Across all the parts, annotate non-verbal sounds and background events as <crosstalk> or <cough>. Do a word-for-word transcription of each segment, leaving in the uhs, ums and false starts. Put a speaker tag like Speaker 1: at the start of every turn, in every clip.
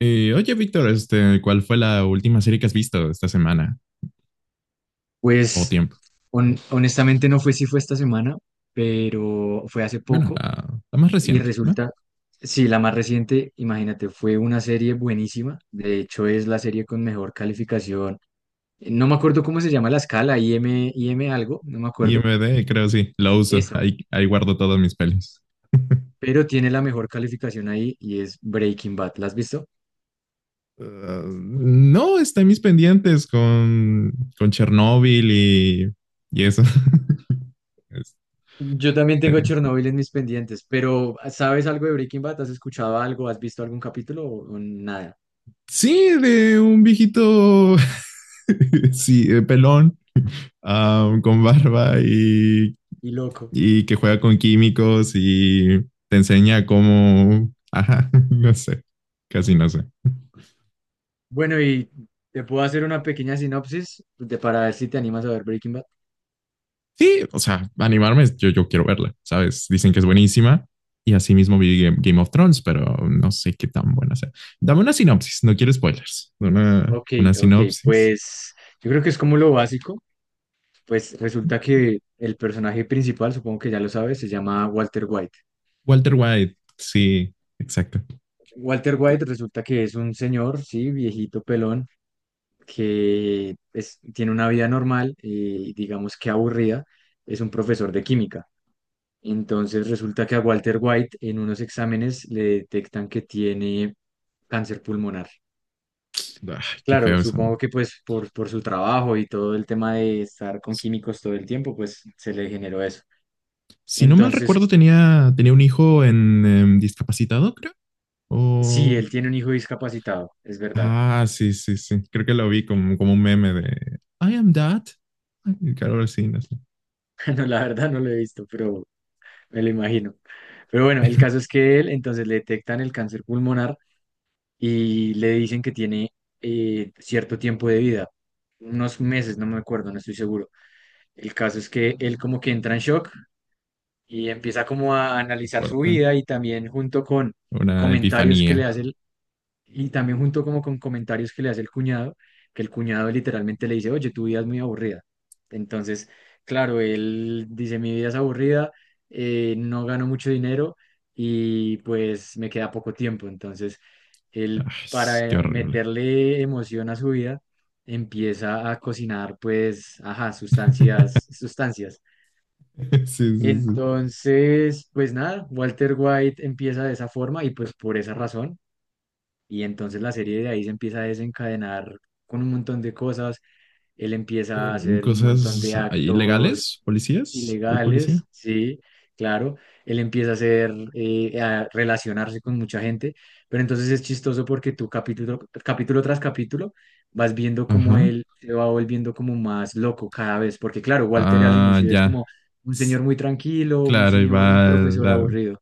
Speaker 1: Eh, oye, Víctor, este, ¿cuál fue la última serie que has visto esta semana o
Speaker 2: Pues
Speaker 1: tiempo?
Speaker 2: hon- honestamente no fue si fue esta semana, pero fue hace
Speaker 1: Bueno,
Speaker 2: poco
Speaker 1: la, la más
Speaker 2: y
Speaker 1: reciente, ¿no?
Speaker 2: resulta, sí, la más reciente, imagínate, fue una serie buenísima. De hecho, es la serie con mejor calificación. No me acuerdo cómo se llama la escala, i m i m algo, no me acuerdo.
Speaker 1: I M D, creo sí, lo uso.
Speaker 2: Eso,
Speaker 1: Ahí, ahí guardo todas mis pelis.
Speaker 2: pero tiene la mejor calificación ahí y es Breaking Bad. ¿La has visto?
Speaker 1: Uh, no, está en mis pendientes con, con Chernobyl y, y eso. <laughs> Este,
Speaker 2: Yo también tengo Chernobyl en mis pendientes, pero ¿sabes algo de Breaking Bad? ¿Has escuchado algo? ¿Has visto algún capítulo o o nada?
Speaker 1: sí, de un viejito, <laughs> sí, eh, pelón, um, con barba y
Speaker 2: Y loco.
Speaker 1: y que juega con químicos y te enseña cómo, <laughs> ajá, no sé, casi no sé.
Speaker 2: Bueno, y te puedo hacer una pequeña sinopsis de, para ver si te animas a ver Breaking Bad.
Speaker 1: Sí, o sea, animarme, yo, yo quiero verla, ¿sabes? Dicen que es buenísima y así mismo vi Game, Game of Thrones, pero no sé qué tan buena sea. Dame una sinopsis, no quiero spoilers. Una,
Speaker 2: Ok,
Speaker 1: una
Speaker 2: ok,
Speaker 1: sinopsis.
Speaker 2: pues yo creo que es como lo básico. Pues resulta que el personaje principal, supongo que ya lo sabes, se llama Walter White.
Speaker 1: Walter White, sí, exacto.
Speaker 2: Walter
Speaker 1: Te-
Speaker 2: White resulta que es un señor, sí, viejito pelón, que es- tiene una vida normal y digamos que aburrida. Es un profesor de química. Entonces resulta que a Walter White en unos exámenes le detectan que tiene cáncer pulmonar.
Speaker 1: Ay, qué
Speaker 2: Claro,
Speaker 1: feo esa,
Speaker 2: supongo
Speaker 1: weá.
Speaker 2: que pues por, por su trabajo y todo el tema de estar con químicos todo el tiempo, pues se le generó eso.
Speaker 1: Si no mal
Speaker 2: Entonces,
Speaker 1: recuerdo, tenía, tenía un hijo en, em, discapacitado, creo.
Speaker 2: sí,
Speaker 1: O.
Speaker 2: él tiene un hijo discapacitado, es verdad.
Speaker 1: Ah, sí, sí, sí. Creo que lo vi como, como un meme de I am that. Ay, claro, ahora sí, no sé.
Speaker 2: <laughs> No, la verdad no lo he visto, pero me lo imagino. Pero bueno, el caso es que él, entonces le detectan el cáncer pulmonar y le dicen que tiene eh, cierto tiempo de vida, unos meses, no me acuerdo, no estoy seguro. El caso es que él como que entra en shock y empieza como a
Speaker 1: Qué
Speaker 2: analizar su
Speaker 1: fuerte.
Speaker 2: vida y también junto con
Speaker 1: Una
Speaker 2: comentarios que le
Speaker 1: epifanía.
Speaker 2: hace Y también junto como con comentarios que le hace el cuñado, que el cuñado literalmente le dice, oye, tu vida es muy aburrida. Entonces, claro, él dice, mi vida es aburrida, eh, no gano mucho dinero y pues me queda poco tiempo. Entonces,
Speaker 1: Ay,
Speaker 2: él para
Speaker 1: qué
Speaker 2: eh,
Speaker 1: horrible.
Speaker 2: meterle emoción a su vida, empieza a cocinar pues, ajá,
Speaker 1: <laughs>
Speaker 2: sustancias, sustancias.
Speaker 1: Sí, sí, sí.
Speaker 2: Entonces, pues nada, Walter White empieza de esa forma y pues por esa razón y entonces la serie de ahí se empieza a desencadenar con un montón de cosas. Él empieza a
Speaker 1: Mm,
Speaker 2: hacer un montón
Speaker 1: Cosas
Speaker 2: de
Speaker 1: ahí
Speaker 2: actos
Speaker 1: ilegales, policías, hay
Speaker 2: ilegales,
Speaker 1: policía.
Speaker 2: sí, claro. Él empieza a hacer, eh, a relacionarse con mucha gente. Pero entonces es chistoso porque tú capítulo, capítulo tras capítulo vas viendo cómo
Speaker 1: Ajá.
Speaker 2: él se va volviendo como más loco cada vez. Porque claro, Walter al
Speaker 1: Ah,
Speaker 2: inicio es
Speaker 1: ya.
Speaker 2: como un señor
Speaker 1: Tss,
Speaker 2: muy tranquilo, un
Speaker 1: claro, y
Speaker 2: señor, un
Speaker 1: va
Speaker 2: profesor
Speaker 1: la,
Speaker 2: aburrido.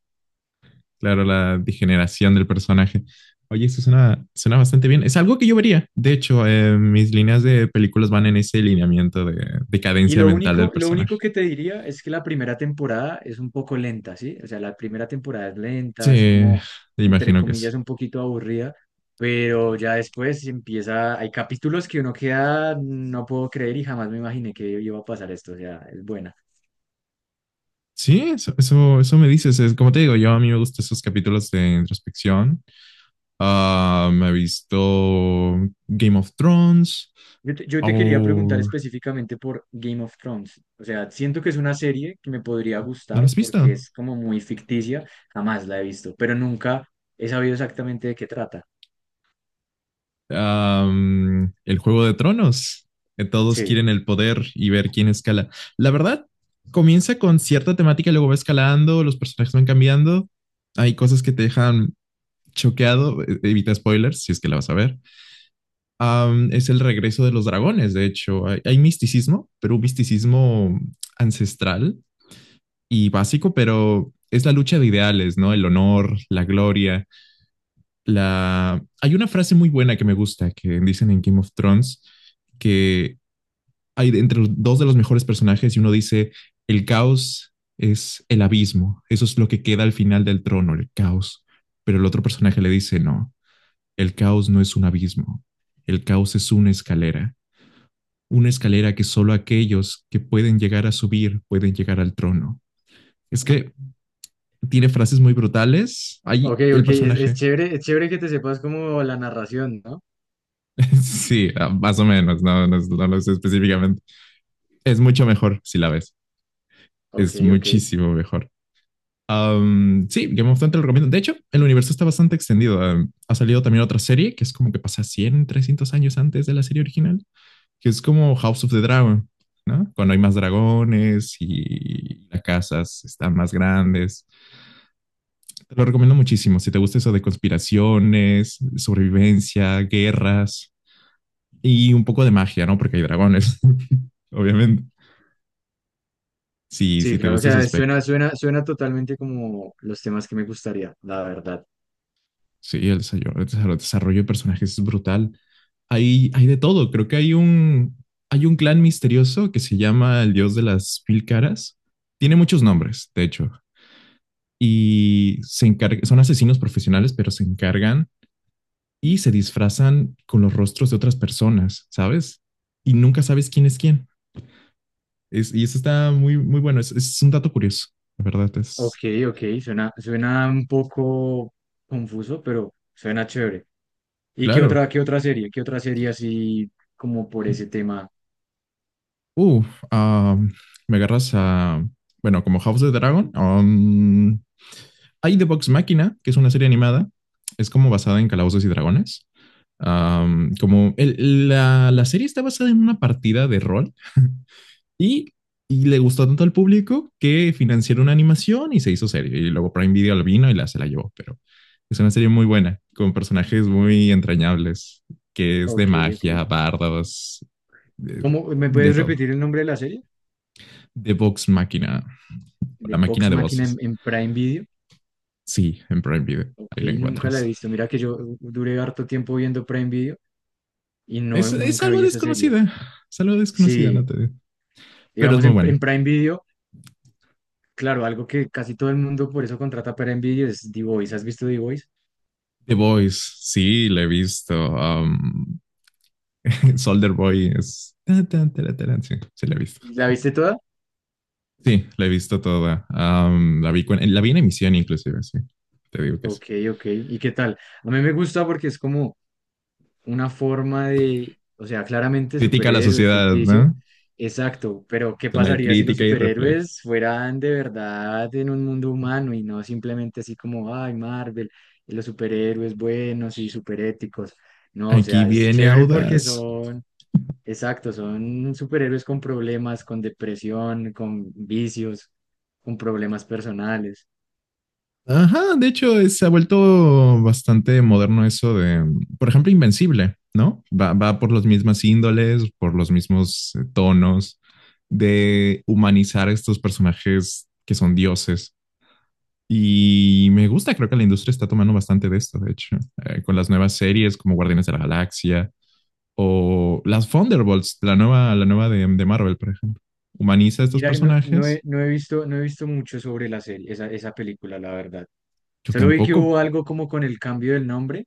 Speaker 1: claro, la degeneración del personaje. Oye, eso suena, suena bastante bien. Es algo que yo vería. De hecho, eh, mis líneas de películas van en ese lineamiento de
Speaker 2: Y
Speaker 1: decadencia
Speaker 2: lo
Speaker 1: mental del
Speaker 2: único, lo
Speaker 1: personaje.
Speaker 2: único que te diría es que la primera temporada es un poco lenta, ¿sí? O sea, la primera temporada es lenta, es
Speaker 1: Sí,
Speaker 2: como, entre
Speaker 1: imagino que sí.
Speaker 2: comillas, un poquito aburrida, pero ya después empieza, hay capítulos que uno queda, no puedo creer y jamás me imaginé que iba a pasar esto, o sea, es buena.
Speaker 1: Sí, eso, eso, eso me dices. Es, como te digo, yo a mí me gustan esos capítulos de introspección. Ah, me he visto Game of Thrones.
Speaker 2: Yo te, yo te quería preguntar
Speaker 1: Oh,
Speaker 2: específicamente por Game of Thrones, o sea, siento que es una serie que me podría
Speaker 1: ¿no lo
Speaker 2: gustar
Speaker 1: has
Speaker 2: porque
Speaker 1: visto?
Speaker 2: es como muy ficticia, jamás la he visto, pero nunca he sabido exactamente de qué trata.
Speaker 1: Am, el Juego de Tronos. Que todos
Speaker 2: Sí.
Speaker 1: quieren el poder y ver quién escala. La verdad, comienza con cierta temática, luego va escalando, los personajes van cambiando. Hay cosas que te dejan choqueado. e- Evita spoilers si es que la vas a ver. Am, es el regreso de los dragones, de hecho. Hay, hay misticismo, pero un misticismo ancestral y básico, pero es la lucha de ideales, ¿no? El honor, la gloria la... Hay una frase muy buena que me gusta, que dicen en Game of Thrones, que hay entre los dos de los mejores personajes y uno dice, el caos es el abismo, eso es lo que queda al final del trono, el caos. Pero el otro personaje le dice, no, el caos no es un abismo, el caos es una escalera, una escalera que solo aquellos que pueden llegar a subir pueden llegar al trono. Es que tiene frases muy brutales. Ahí
Speaker 2: Ok,
Speaker 1: el
Speaker 2: ok, es, es
Speaker 1: personaje.
Speaker 2: chévere, es chévere que te sepas como la narración, ¿no?
Speaker 1: Sí, ah, más o menos, no, no, no lo sé específicamente. Es mucho mejor si la ves,
Speaker 2: Ok,
Speaker 1: es
Speaker 2: ok.
Speaker 1: muchísimo mejor. Um, sí, Game of Thrones te lo recomiendo. De hecho, el universo está bastante extendido. Um, ha salido también otra serie que es como que pasa cien, trescientos años antes de la serie original, que es como House of the Dragon, ¿no? Cuando hay más dragones y las casas están más grandes. Te lo recomiendo muchísimo. Si te gusta eso de conspiraciones, sobrevivencia, guerras, y un poco de magia, ¿no? Porque hay dragones, <laughs> obviamente. Si,
Speaker 2: Sí,
Speaker 1: si te
Speaker 2: claro, o
Speaker 1: gusta ese
Speaker 2: sea,
Speaker 1: aspecto.
Speaker 2: suena, suena, suena totalmente como los temas que me gustaría, la verdad.
Speaker 1: Sí, el, el desarrollo de personajes es brutal. Hay, hay de todo. Creo que hay un, hay un clan misterioso que se llama el dios de las mil caras. Tiene muchos nombres, de hecho. Y se encarga, son asesinos profesionales, pero se encargan y se disfrazan con los rostros de otras personas, ¿sabes? Y nunca sabes quién es quién. Es, y eso está muy, muy bueno. Es, es un dato curioso, la verdad.
Speaker 2: Ok,
Speaker 1: Es
Speaker 2: ok, suena, suena un poco confuso, pero suena chévere. ¿Y qué
Speaker 1: claro.
Speaker 2: otra, qué otra serie? ¿Qué otra serie así como por ese tema?
Speaker 1: Uh, ah, Me agarras a, bueno, como House of the Dragon. Um, hay The Box Máquina, que es una serie animada. Es como basada en Calabozos y Dragones. Um, como el- la, la serie está basada en una partida de rol y, y le gustó tanto al público que financiaron una animación y se hizo serie. Y luego Prime Video lo vino y la, se la llevó. Pero es una serie muy buena, con personajes muy entrañables, que es de
Speaker 2: Ok, ok.
Speaker 1: magia, bardos, de,
Speaker 2: ¿Cómo, me
Speaker 1: de
Speaker 2: puedes
Speaker 1: todo.
Speaker 2: repetir el nombre de la serie?
Speaker 1: The Box Máquina. O
Speaker 2: De
Speaker 1: la
Speaker 2: Vox
Speaker 1: máquina de
Speaker 2: Máquina en,
Speaker 1: voces.
Speaker 2: en Prime Video.
Speaker 1: Sí, en Prime Video. Ahí
Speaker 2: Ok,
Speaker 1: la
Speaker 2: nunca la he
Speaker 1: encuentras.
Speaker 2: visto. Mira que yo duré harto tiempo viendo Prime Video y no,
Speaker 1: Es, es
Speaker 2: nunca
Speaker 1: algo
Speaker 2: vi esa serie.
Speaker 1: desconocida. Es algo desconocida,
Speaker 2: Sí,
Speaker 1: no te digo. Pero es
Speaker 2: digamos
Speaker 1: muy
Speaker 2: en,
Speaker 1: buena.
Speaker 2: en Prime Video, claro, algo que casi todo el mundo por eso contrata Prime Video es The Voice. ¿Has visto The Voice?
Speaker 1: The Voice, sí, la he visto. Um, <laughs> Solder Boy es. Sí, sí, la he visto.
Speaker 2: ¿La viste toda?
Speaker 1: Sí, la he visto toda. Um, la, vi, con- la vi en emisión, inclusive, sí. Te digo que sí.
Speaker 2: Ok, ok. ¿Y qué tal? A mí me gusta porque es como una forma de, o sea, claramente
Speaker 1: Crítica a la
Speaker 2: superhéroes,
Speaker 1: sociedad,
Speaker 2: ficticio.
Speaker 1: ¿no?
Speaker 2: Exacto, pero ¿qué
Speaker 1: Es una
Speaker 2: pasaría si los
Speaker 1: crítica y reflejo.
Speaker 2: superhéroes fueran de verdad en un mundo humano y no simplemente así como, ay, Marvel, y los superhéroes buenos y superéticos? No, o
Speaker 1: Aquí
Speaker 2: sea, es
Speaker 1: viene
Speaker 2: chévere porque
Speaker 1: Audaz.
Speaker 2: son Exacto, son superhéroes con problemas, con depresión, con vicios, con problemas personales.
Speaker 1: Ajá, de hecho, eh, se ha vuelto bastante moderno eso de, por ejemplo, Invencible, ¿no? Va, va por las mismas índoles, por los mismos eh, tonos, de humanizar a estos personajes que son dioses. Y me gusta, creo que la industria está tomando bastante de esto, de hecho, eh, con las nuevas series como Guardianes de la Galaxia o las Thunderbolts, la nueva, la nueva de, de Marvel, por ejemplo. Humaniza a estos
Speaker 2: Mira, no, no he,
Speaker 1: personajes.
Speaker 2: no he visto, no he visto mucho sobre la serie, esa, esa película, la verdad.
Speaker 1: Yo
Speaker 2: Solo vi que
Speaker 1: tampoco.
Speaker 2: hubo algo como con el cambio del nombre,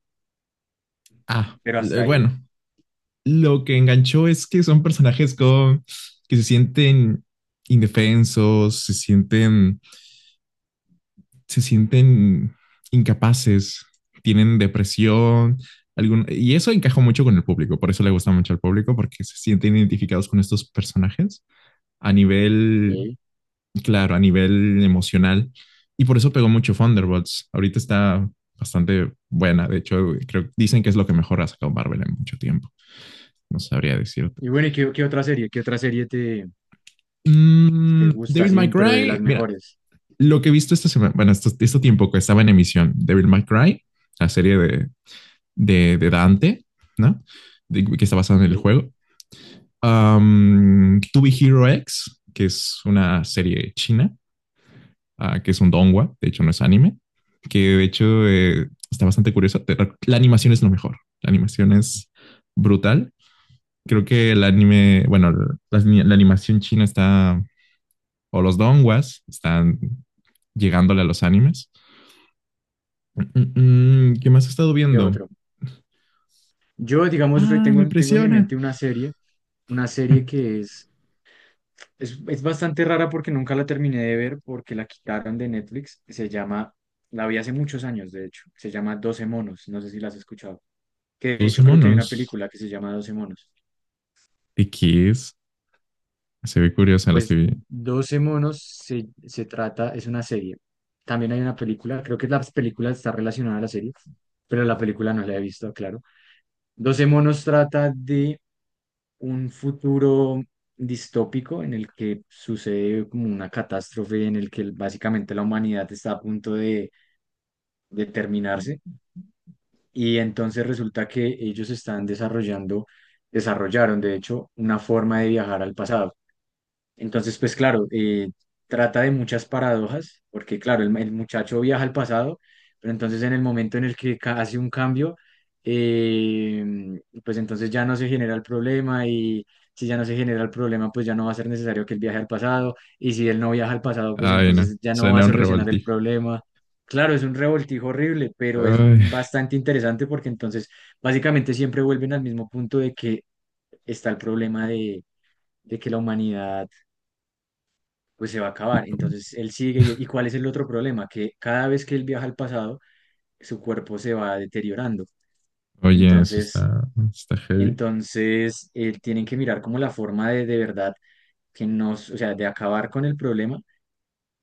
Speaker 1: Ah,
Speaker 2: pero
Speaker 1: eh,
Speaker 2: hasta ahí.
Speaker 1: bueno, lo que enganchó es que son personajes con, que se sienten indefensos, se sienten, se sienten incapaces, tienen depresión, algún- y eso encajó mucho con el público, por eso le gusta mucho al público, porque se sienten identificados con estos personajes a nivel,
Speaker 2: Ok.
Speaker 1: claro, a nivel emocional, y por eso pegó mucho Thunderbolts. Ahorita está bastante buena, de hecho, creo, dicen que es lo que mejor ha sacado Marvel en mucho tiempo, no sabría decirte.
Speaker 2: Y bueno, ¿y qué, qué otra serie? ¿Qué otra serie te, te
Speaker 1: Mm,
Speaker 2: gusta,
Speaker 1: Devil
Speaker 2: así,
Speaker 1: May
Speaker 2: un- pero de las
Speaker 1: Cry, mira,
Speaker 2: mejores?
Speaker 1: lo que he visto esta semana, bueno, esto, este tiempo que estaba en emisión, Devil May Cry, la serie de, de, de Dante, ¿no? De, que está basada en el
Speaker 2: Ok.
Speaker 1: juego. Um, Tubi Hero X, que es una serie china, uh, que es un donghua, de hecho no es anime, que de hecho eh, está bastante curiosa. La animación es lo mejor, la animación es brutal. Creo que el anime, bueno, la, la animación china está, o los donghuas están llegándole a los animes. Mm, mm, ¿Qué más he estado
Speaker 2: ¿Qué
Speaker 1: viendo?
Speaker 2: otro? Yo, digamos, re-
Speaker 1: Ah,
Speaker 2: tengo,
Speaker 1: me
Speaker 2: tengo en mi
Speaker 1: presiona.
Speaker 2: mente una serie, una serie
Speaker 1: <laughs>
Speaker 2: que es. Es, es bastante rara porque nunca la terminé de ver porque la quitaron de Netflix. Se llama, la vi hace muchos años, de hecho. Se llama doce monos. No sé si la has escuchado. Que de
Speaker 1: doce
Speaker 2: hecho creo que hay una
Speaker 1: monos.
Speaker 2: película que se llama doce monos.
Speaker 1: ¿Y qué es? Se ve curiosa la estoy
Speaker 2: Pues
Speaker 1: viendo.
Speaker 2: doce monos se, se trata, es una serie. También hay una película, creo que la película está relacionada a la serie, pero la película no la he visto, claro. Doce monos trata de un futuro distópico en el que sucede como una catástrofe, en el que básicamente la humanidad está a punto de, de terminarse. Y entonces resulta que ellos están desarrollando, desarrollaron de hecho una forma de viajar al pasado. Entonces, pues claro, eh, trata de muchas paradojas, porque claro, el, el muchacho viaja al pasado, pero entonces en el momento en el que ca- hace un cambio, eh, pues entonces ya no se genera el problema y si ya no se genera el problema, pues ya no va a ser necesario que él viaje al pasado y si él no viaja al pasado, pues
Speaker 1: Ay, no.
Speaker 2: entonces ya no va a
Speaker 1: Suena un
Speaker 2: solucionar el
Speaker 1: revoltijo.
Speaker 2: problema. Claro, es un revoltijo horrible, pero es
Speaker 1: Ay,
Speaker 2: bastante interesante porque entonces básicamente siempre vuelven al mismo punto de que está el problema de de que la humanidad pues se va a acabar. Entonces él sigue. ¿Y y cuál es el otro problema? Que cada vez que él viaja al pasado, su cuerpo se va deteriorando.
Speaker 1: oye, eso
Speaker 2: Entonces,
Speaker 1: está, está heavy. Un
Speaker 2: entonces eh, tienen que mirar como la forma de de verdad que nos, o sea, de acabar con el problema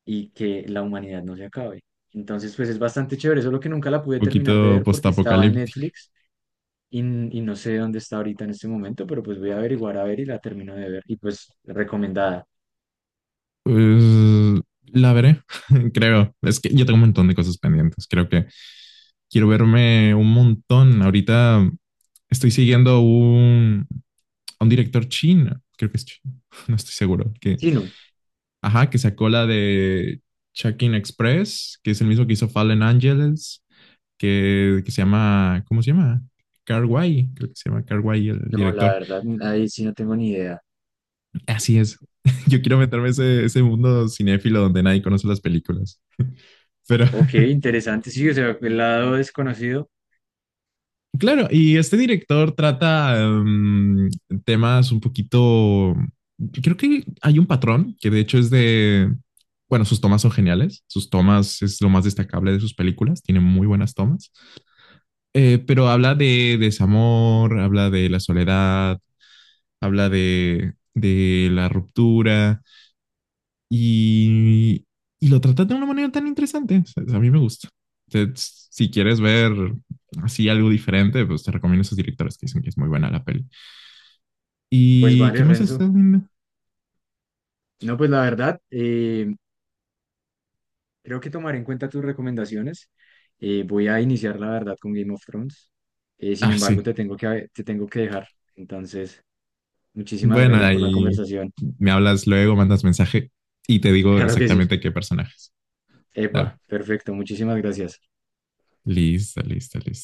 Speaker 2: y que la humanidad no se acabe. Entonces, pues es bastante chévere, solo que nunca la pude terminar de
Speaker 1: poquito
Speaker 2: ver porque estaba en
Speaker 1: postapocalíptico.
Speaker 2: Netflix y, n- y no sé dónde está ahorita en este momento, pero pues voy a averiguar a ver y la termino de ver. Y pues recomendada.
Speaker 1: Pues la veré, <laughs> creo. Es que yo tengo un montón de cosas pendientes. Creo que quiero verme un montón. Ahorita estoy siguiendo un, un director chino. Creo que es chino. <laughs> No estoy seguro. Que
Speaker 2: Sí, no,
Speaker 1: Ajá, que sacó la de Check-in Express, que es el mismo que hizo Fallen Angels, que, que se llama, ¿cómo se llama? Carguay, creo que se llama Carguay el
Speaker 2: no, la
Speaker 1: director.
Speaker 2: verdad, ahí sí no tengo ni idea.
Speaker 1: Así es. <laughs> Yo quiero meterme ese, ese mundo cinéfilo donde nadie conoce las películas. Pero
Speaker 2: Ok,
Speaker 1: <laughs>
Speaker 2: interesante, sí, o sea, el lado desconocido,
Speaker 1: claro, y este director trata em, temas un poquito. Creo que hay un patrón que de hecho es de. Bueno, sus tomas son geniales. Sus tomas es lo más destacable de sus películas. Tiene muy buenas tomas. Eh, pero habla de desamor, habla de la soledad, habla de, de la ruptura y, y lo trata de una manera tan interesante. O sea, a mí me gusta. Te- si quieres ver así algo diferente, pues te recomiendo esos directores que dicen que es muy buena la peli.
Speaker 2: pues
Speaker 1: ¿Y qué
Speaker 2: vale,
Speaker 1: más
Speaker 2: Renzo.
Speaker 1: estás viendo?
Speaker 2: No, pues la verdad, eh, creo que tomaré en cuenta tus recomendaciones. Eh, voy a iniciar, la verdad, con Game of Thrones. Eh, sin
Speaker 1: Ah,
Speaker 2: embargo,
Speaker 1: sí.
Speaker 2: te tengo que, te tengo que dejar. Entonces, muchísimas
Speaker 1: Bueno,
Speaker 2: gracias por la
Speaker 1: ahí
Speaker 2: conversación. <laughs>
Speaker 1: me hablas luego, mandas mensaje y te digo
Speaker 2: Claro que sí.
Speaker 1: exactamente qué personajes. Dale.
Speaker 2: Epa, perfecto, muchísimas gracias.
Speaker 1: Listo, listo, listo.